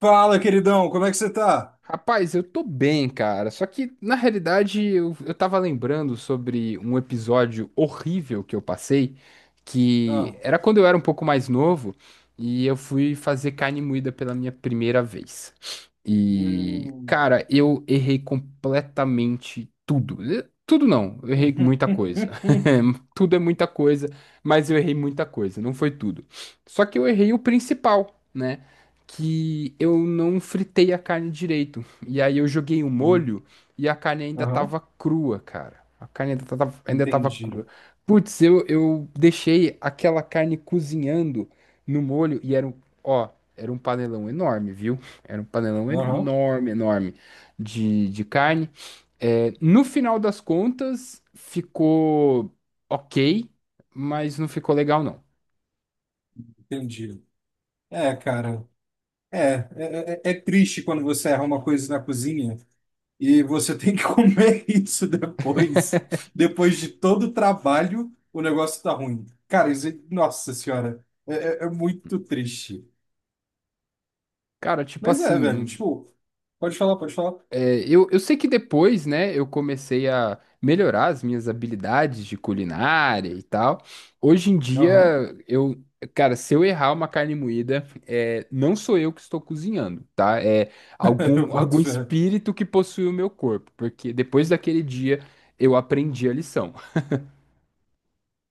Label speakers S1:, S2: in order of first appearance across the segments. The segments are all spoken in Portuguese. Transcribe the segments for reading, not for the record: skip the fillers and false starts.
S1: Fala, queridão, como é que você tá?
S2: Rapaz, eu tô bem, cara. Só que, na realidade, eu tava lembrando sobre um episódio horrível que eu passei, que
S1: Ah,
S2: era quando eu era um pouco mais novo e eu fui fazer carne moída pela minha primeira vez. E,
S1: hum.
S2: cara, eu errei completamente tudo. Tudo não, eu errei muita coisa. Tudo é muita coisa, mas eu errei muita coisa, não foi tudo. Só que eu errei o principal, né? Que eu não fritei a carne direito. E aí eu joguei o molho e a carne ainda
S1: Aham,
S2: tava crua, cara. A carne ainda tava
S1: entendi.
S2: crua. Putz, eu deixei aquela carne cozinhando no molho e era um, ó, era um panelão enorme, viu? Era um panelão
S1: Aham,
S2: enorme, enorme de carne. É, no final das contas, ficou ok, mas não ficou legal, não.
S1: entendi. É, cara, é, é, é triste quando você erra uma coisa na cozinha e você tem que comer isso depois. Depois de todo o trabalho, o negócio tá ruim. Cara, isso, nossa senhora, é muito triste.
S2: Cara, tipo
S1: Mas é, velho,
S2: assim,
S1: tipo, pode falar, pode falar.
S2: Eu sei que depois, né, eu comecei a melhorar as minhas habilidades de culinária e tal. Hoje em
S1: Aham,
S2: dia, eu, cara, se eu errar uma carne moída, é, não sou eu que estou cozinhando, tá? É
S1: eu
S2: algum,
S1: boto
S2: algum
S1: fé.
S2: espírito que possui o meu corpo, porque depois daquele dia eu aprendi a lição.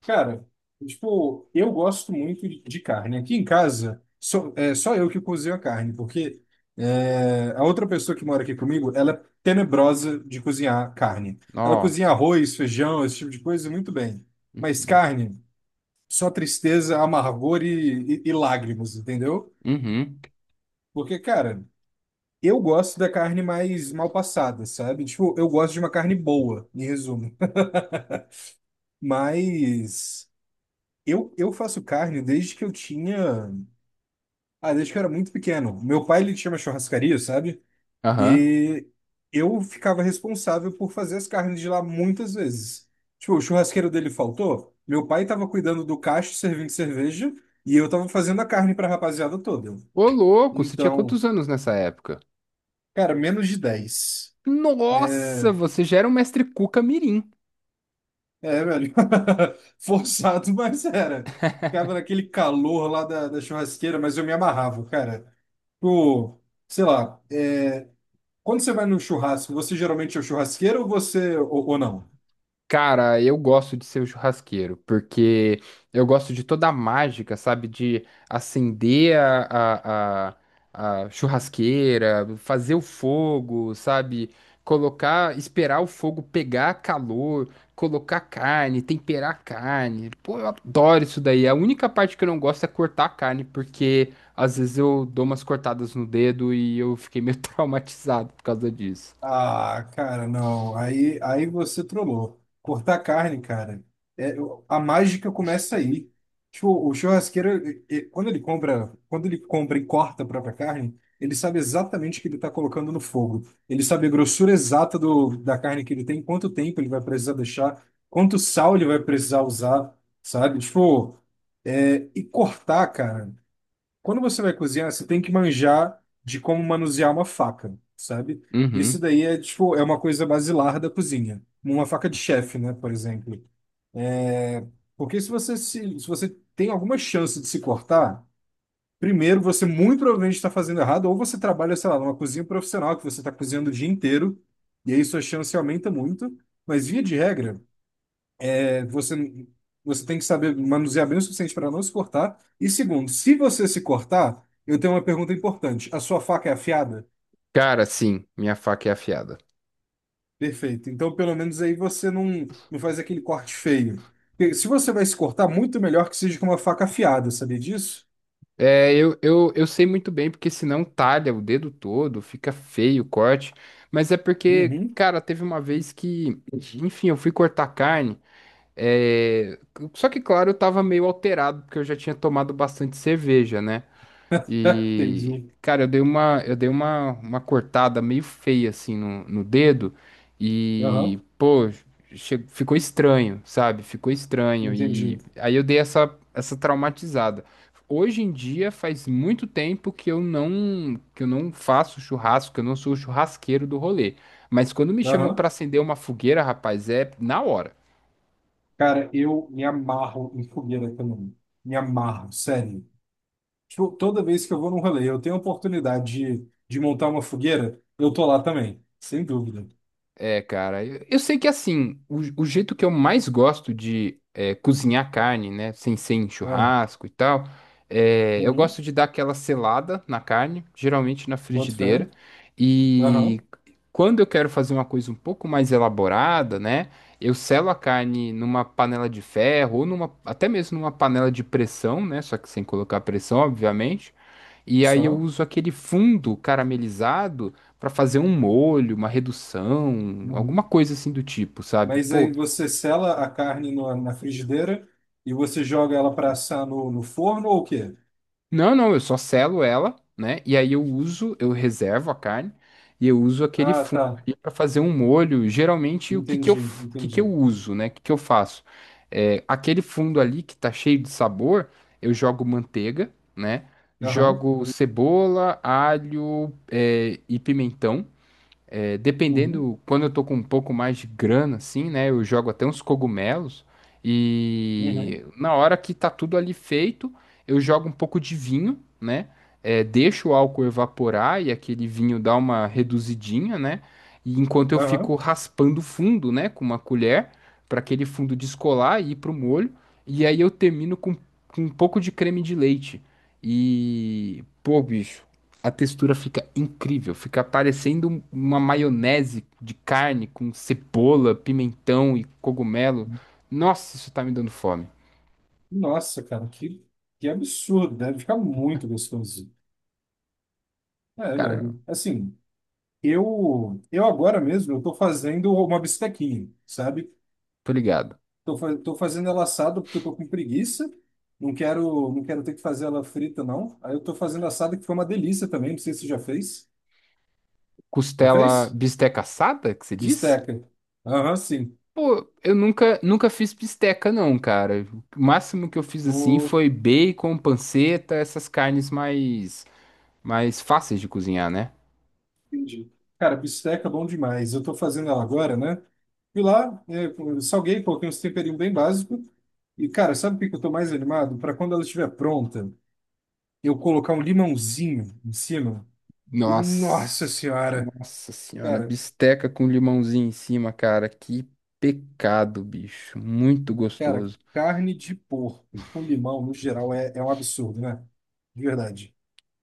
S1: Cara, tipo, eu gosto muito de carne. Aqui em casa, só, é só eu que cozinho a carne, porque a outra pessoa que mora aqui comigo, ela é tenebrosa de cozinhar carne. Ela cozinha
S2: Nossa.
S1: arroz, feijão, esse tipo de coisa muito bem. Mas
S2: Uhum.
S1: carne, só tristeza, amargor e lágrimas, entendeu?
S2: Uhum.
S1: Porque, cara, eu gosto da carne mais mal passada, sabe? Tipo, eu gosto de uma carne boa, em resumo. Mas eu faço carne desde que eu tinha. Ah, desde que eu era muito pequeno. Meu pai, ele tinha uma churrascaria, sabe?
S2: Aham.
S1: E eu ficava responsável por fazer as carnes de lá muitas vezes. Tipo, o churrasqueiro dele faltou, meu pai tava cuidando do cacho, servindo cerveja, e eu tava fazendo a carne pra rapaziada toda.
S2: Ô, louco, você tinha
S1: Então,
S2: quantos anos nessa época?
S1: cara, menos de 10.
S2: Nossa, você já era um mestre Cuca Mirim.
S1: É, velho. Forçado, mas era. Ficava naquele calor lá da churrasqueira, mas eu me amarrava, cara. Tipo, sei lá. Quando você vai no churrasco, você geralmente é o churrasqueiro ou você ou não?
S2: Cara, eu gosto de ser o churrasqueiro, porque eu gosto de toda a mágica, sabe? De acender a a churrasqueira, fazer o fogo, sabe? Colocar, esperar o fogo pegar calor, colocar carne, temperar a carne. Pô, eu adoro isso daí. A única parte que eu não gosto é cortar a carne, porque às vezes eu dou umas cortadas no dedo e eu fiquei meio traumatizado por causa disso.
S1: Ah, cara, não. Aí você trollou. Cortar carne, cara, a mágica começa aí. Tipo, o churrasqueiro, quando ele compra e corta a própria carne, ele sabe exatamente o que ele está colocando no fogo. Ele sabe a grossura exata da carne que ele tem, quanto tempo ele vai precisar deixar, quanto sal ele vai precisar usar, sabe? Tipo, e cortar, cara. Quando você vai cozinhar, você tem que manjar de como manusear uma faca, sabe? Isso
S2: Uhum.
S1: daí é, tipo, uma coisa basilar da cozinha. Uma faca de chefe, né, por exemplo. É, porque se você tem alguma chance de se cortar, primeiro você muito provavelmente está fazendo errado, ou você trabalha, sei lá, numa cozinha profissional que você está cozinhando o dia inteiro, e aí sua chance aumenta muito. Mas via de regra, você, você tem que saber manusear bem o suficiente para não se cortar. E segundo, se você se cortar, eu tenho uma pergunta importante. A sua faca é afiada?
S2: Cara, sim, minha faca é afiada.
S1: Perfeito. Então, pelo menos aí você não, não faz aquele corte feio. Porque se você vai se cortar, muito melhor que seja com uma faca afiada, sabia disso?
S2: É, eu sei muito bem, porque senão talha o dedo todo, fica feio o corte. Mas é porque,
S1: Uhum.
S2: cara, teve uma vez que, enfim, eu fui cortar carne. é, Só que, claro, eu tava meio alterado, porque eu já tinha tomado bastante cerveja, né? E,
S1: Entendi.
S2: cara, eu dei uma cortada meio feia assim no, no dedo e,
S1: Aham.
S2: pô, ficou estranho, sabe? Ficou estranho.
S1: Entendi.
S2: E aí eu dei essa, essa traumatizada. Hoje em dia faz muito tempo que eu não faço churrasco, que eu não sou o churrasqueiro do rolê. Mas quando me chamam
S1: Aham.
S2: pra acender uma fogueira, rapaz, é na hora.
S1: Cara, eu me amarro em fogueira também. Me amarro, sério. Tipo, toda vez que eu vou num rolê, eu tenho a oportunidade de montar uma fogueira, eu tô lá também, sem dúvida.
S2: É, cara, eu sei que assim, o jeito que eu mais gosto de cozinhar carne, né, sem ser em
S1: Não.
S2: churrasco e tal, é, eu
S1: Uhum.
S2: gosto de dar aquela selada na carne, geralmente na
S1: Boto fé.
S2: frigideira, e
S1: Aham.
S2: quando eu quero fazer uma coisa um pouco mais elaborada, né, eu selo a carne numa panela de ferro ou numa, até mesmo numa panela de pressão, né, só que sem colocar pressão, obviamente, e aí eu
S1: Só.
S2: uso aquele fundo caramelizado pra fazer um molho, uma redução, alguma
S1: Uhum.
S2: coisa assim do tipo, sabe?
S1: Mas
S2: Pô,
S1: aí você sela a carne na frigideira e você joga ela para assar no forno ou o quê?
S2: não, não, eu só selo ela, né? E aí eu uso, eu reservo a carne e eu uso aquele
S1: Ah,
S2: fundo
S1: tá.
S2: ali para fazer um molho. Geralmente o que que eu,
S1: Entendi,
S2: o que que eu
S1: entendi.
S2: uso, né? O que que eu faço? É, aquele fundo ali que tá cheio de sabor, eu jogo manteiga, né?
S1: Aham.
S2: Jogo cebola, alho, é, e pimentão. É,
S1: Uhum.
S2: dependendo, quando eu tô com um pouco mais de grana, assim, né? Eu jogo até uns cogumelos.
S1: Uhum.
S2: E na hora que tá tudo ali feito, eu jogo um pouco de vinho, né? É, deixo o álcool evaporar e aquele vinho dá uma reduzidinha, né? E enquanto eu fico
S1: Aham.
S2: raspando o fundo, né? Com uma colher, para aquele fundo descolar e ir pro molho. E aí eu termino com um pouco de creme de leite. E, pô, bicho. A textura fica incrível, fica parecendo uma maionese de carne com cebola, pimentão e cogumelo. Nossa, isso tá me dando fome.
S1: Nossa, cara, que absurdo. Deve ficar muito gostoso. É,
S2: Cara,
S1: velho. Assim. Eu agora mesmo, eu tô fazendo uma bistequinha, sabe?
S2: tô ligado.
S1: Tô fazendo ela assada porque eu tô com preguiça. Não quero, não quero ter que fazer ela frita, não. Aí eu tô fazendo assada que foi uma delícia também. Não sei se você já fez. Já
S2: Costela
S1: fez?
S2: bisteca assada, que você diz?
S1: Bisteca. Aham, sim.
S2: Pô, eu nunca, nunca fiz bisteca não, cara. O máximo que eu fiz assim
S1: O-
S2: foi bacon, panceta, essas carnes mais fáceis de cozinhar, né?
S1: Entendi. Cara, bisteca é bom demais. Eu tô fazendo ela agora, né? Fui lá, salguei, coloquei uns temperinhos bem básicos. E, cara, sabe o que que eu tô mais animado? Para quando ela estiver pronta, eu colocar um limãozinho em cima. E, nossa
S2: Nossa,
S1: senhora,
S2: nossa senhora,
S1: cara,
S2: bisteca com limãozinho em cima, cara, que pecado, bicho, muito
S1: cara,
S2: gostoso.
S1: carne de porco com limão, no geral, é um absurdo, né? De verdade.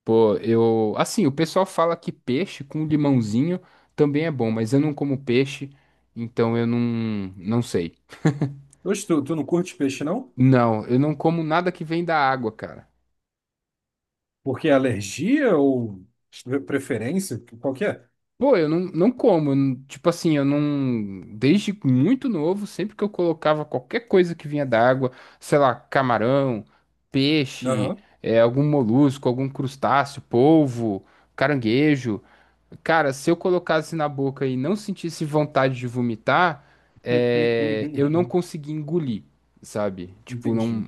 S2: Pô, eu, assim, o pessoal fala que peixe com limãozinho também é bom, mas eu não como peixe, então eu não, não sei.
S1: Hoje tu não curte peixe, não?
S2: Não, eu não como nada que vem da água, cara.
S1: Porque é alergia ou preferência? Qual que é?
S2: Pô, eu não, não como. Tipo assim, eu não. Desde muito novo, sempre que eu colocava qualquer coisa que vinha da água, sei lá, camarão, peixe,
S1: Aham.
S2: é, algum molusco, algum crustáceo, polvo, caranguejo. Cara, se eu colocasse na boca e não sentisse vontade de vomitar, é, eu não conseguia engolir, sabe? Tipo,
S1: Entendi,
S2: não.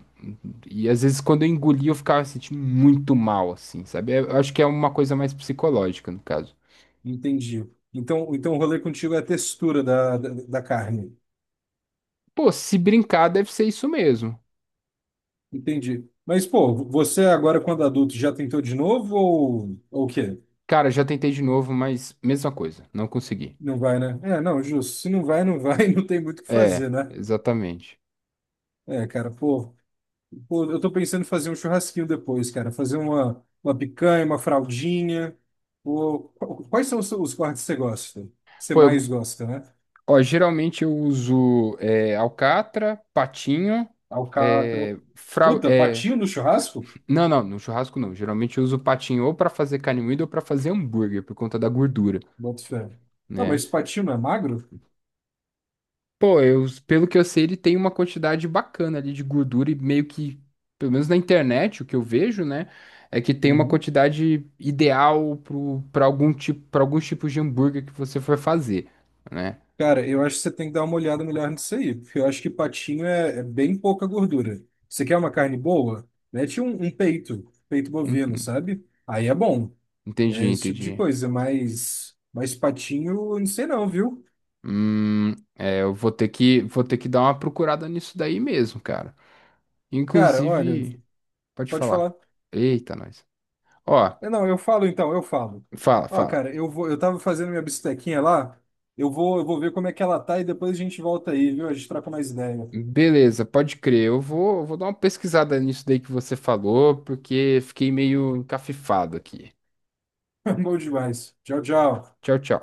S2: E às vezes quando eu engolia, eu ficava sentindo muito mal, assim, sabe? É, eu acho que é uma coisa mais psicológica, no caso.
S1: entendi. Então, o rolê contigo é a textura da carne.
S2: Pô, se brincar, deve ser isso mesmo.
S1: Entendi. Mas, pô, você agora, quando adulto, já tentou de novo ou o quê?
S2: Cara, já tentei de novo, mas mesma coisa, não consegui.
S1: Não vai, né? É, não, justo. Se não vai, não vai, não tem muito o que
S2: É,
S1: fazer, né?
S2: exatamente.
S1: É, cara, pô, eu tô pensando em fazer um churrasquinho depois, cara. Fazer uma picanha, uma fraldinha. Pô, quais são os cortes que você gosta? Que você
S2: Pô,
S1: mais gosta, né?
S2: ó, geralmente eu uso é, alcatra, patinho,
S1: Alcatra.
S2: é,
S1: Puta, patinho no churrasco?
S2: não, não, no churrasco não. Geralmente eu uso patinho ou pra fazer carne moída ou pra fazer hambúrguer, por conta da gordura,
S1: Bota fé. Não,
S2: né?
S1: mas patinho não é magro?
S2: Pô, eu, pelo que eu sei, ele tem uma quantidade bacana ali de gordura e meio que, pelo menos na internet, o que eu vejo, né, é que tem uma
S1: Uhum.
S2: quantidade ideal pro, pra algum tipo, para alguns tipos de hambúrguer que você for fazer, né?
S1: Cara, eu acho que você tem que dar uma olhada melhor nisso aí, porque eu acho que patinho é bem pouca gordura. Você quer uma carne boa? Mete um peito, peito bovino,
S2: Uhum.
S1: sabe? Aí é bom.
S2: Entendi,
S1: É esse tipo de
S2: entendi.
S1: coisa, mas patinho, eu não sei não, viu?
S2: É, eu vou ter que dar uma procurada nisso daí mesmo, cara.
S1: Cara, olha,
S2: Inclusive, pode
S1: pode
S2: falar.
S1: falar.
S2: Eita, nós. Ó,
S1: É, não, eu falo então, eu falo.
S2: fala,
S1: Ó,
S2: fala.
S1: cara, eu tava fazendo minha bistequinha lá, eu vou ver como é que ela tá e depois a gente volta aí, viu? A gente troca mais ideia.
S2: Beleza, pode crer. Eu vou, vou dar uma pesquisada nisso daí que você falou, porque fiquei meio encafifado aqui.
S1: Bom demais. Tchau, tchau.
S2: Tchau, tchau.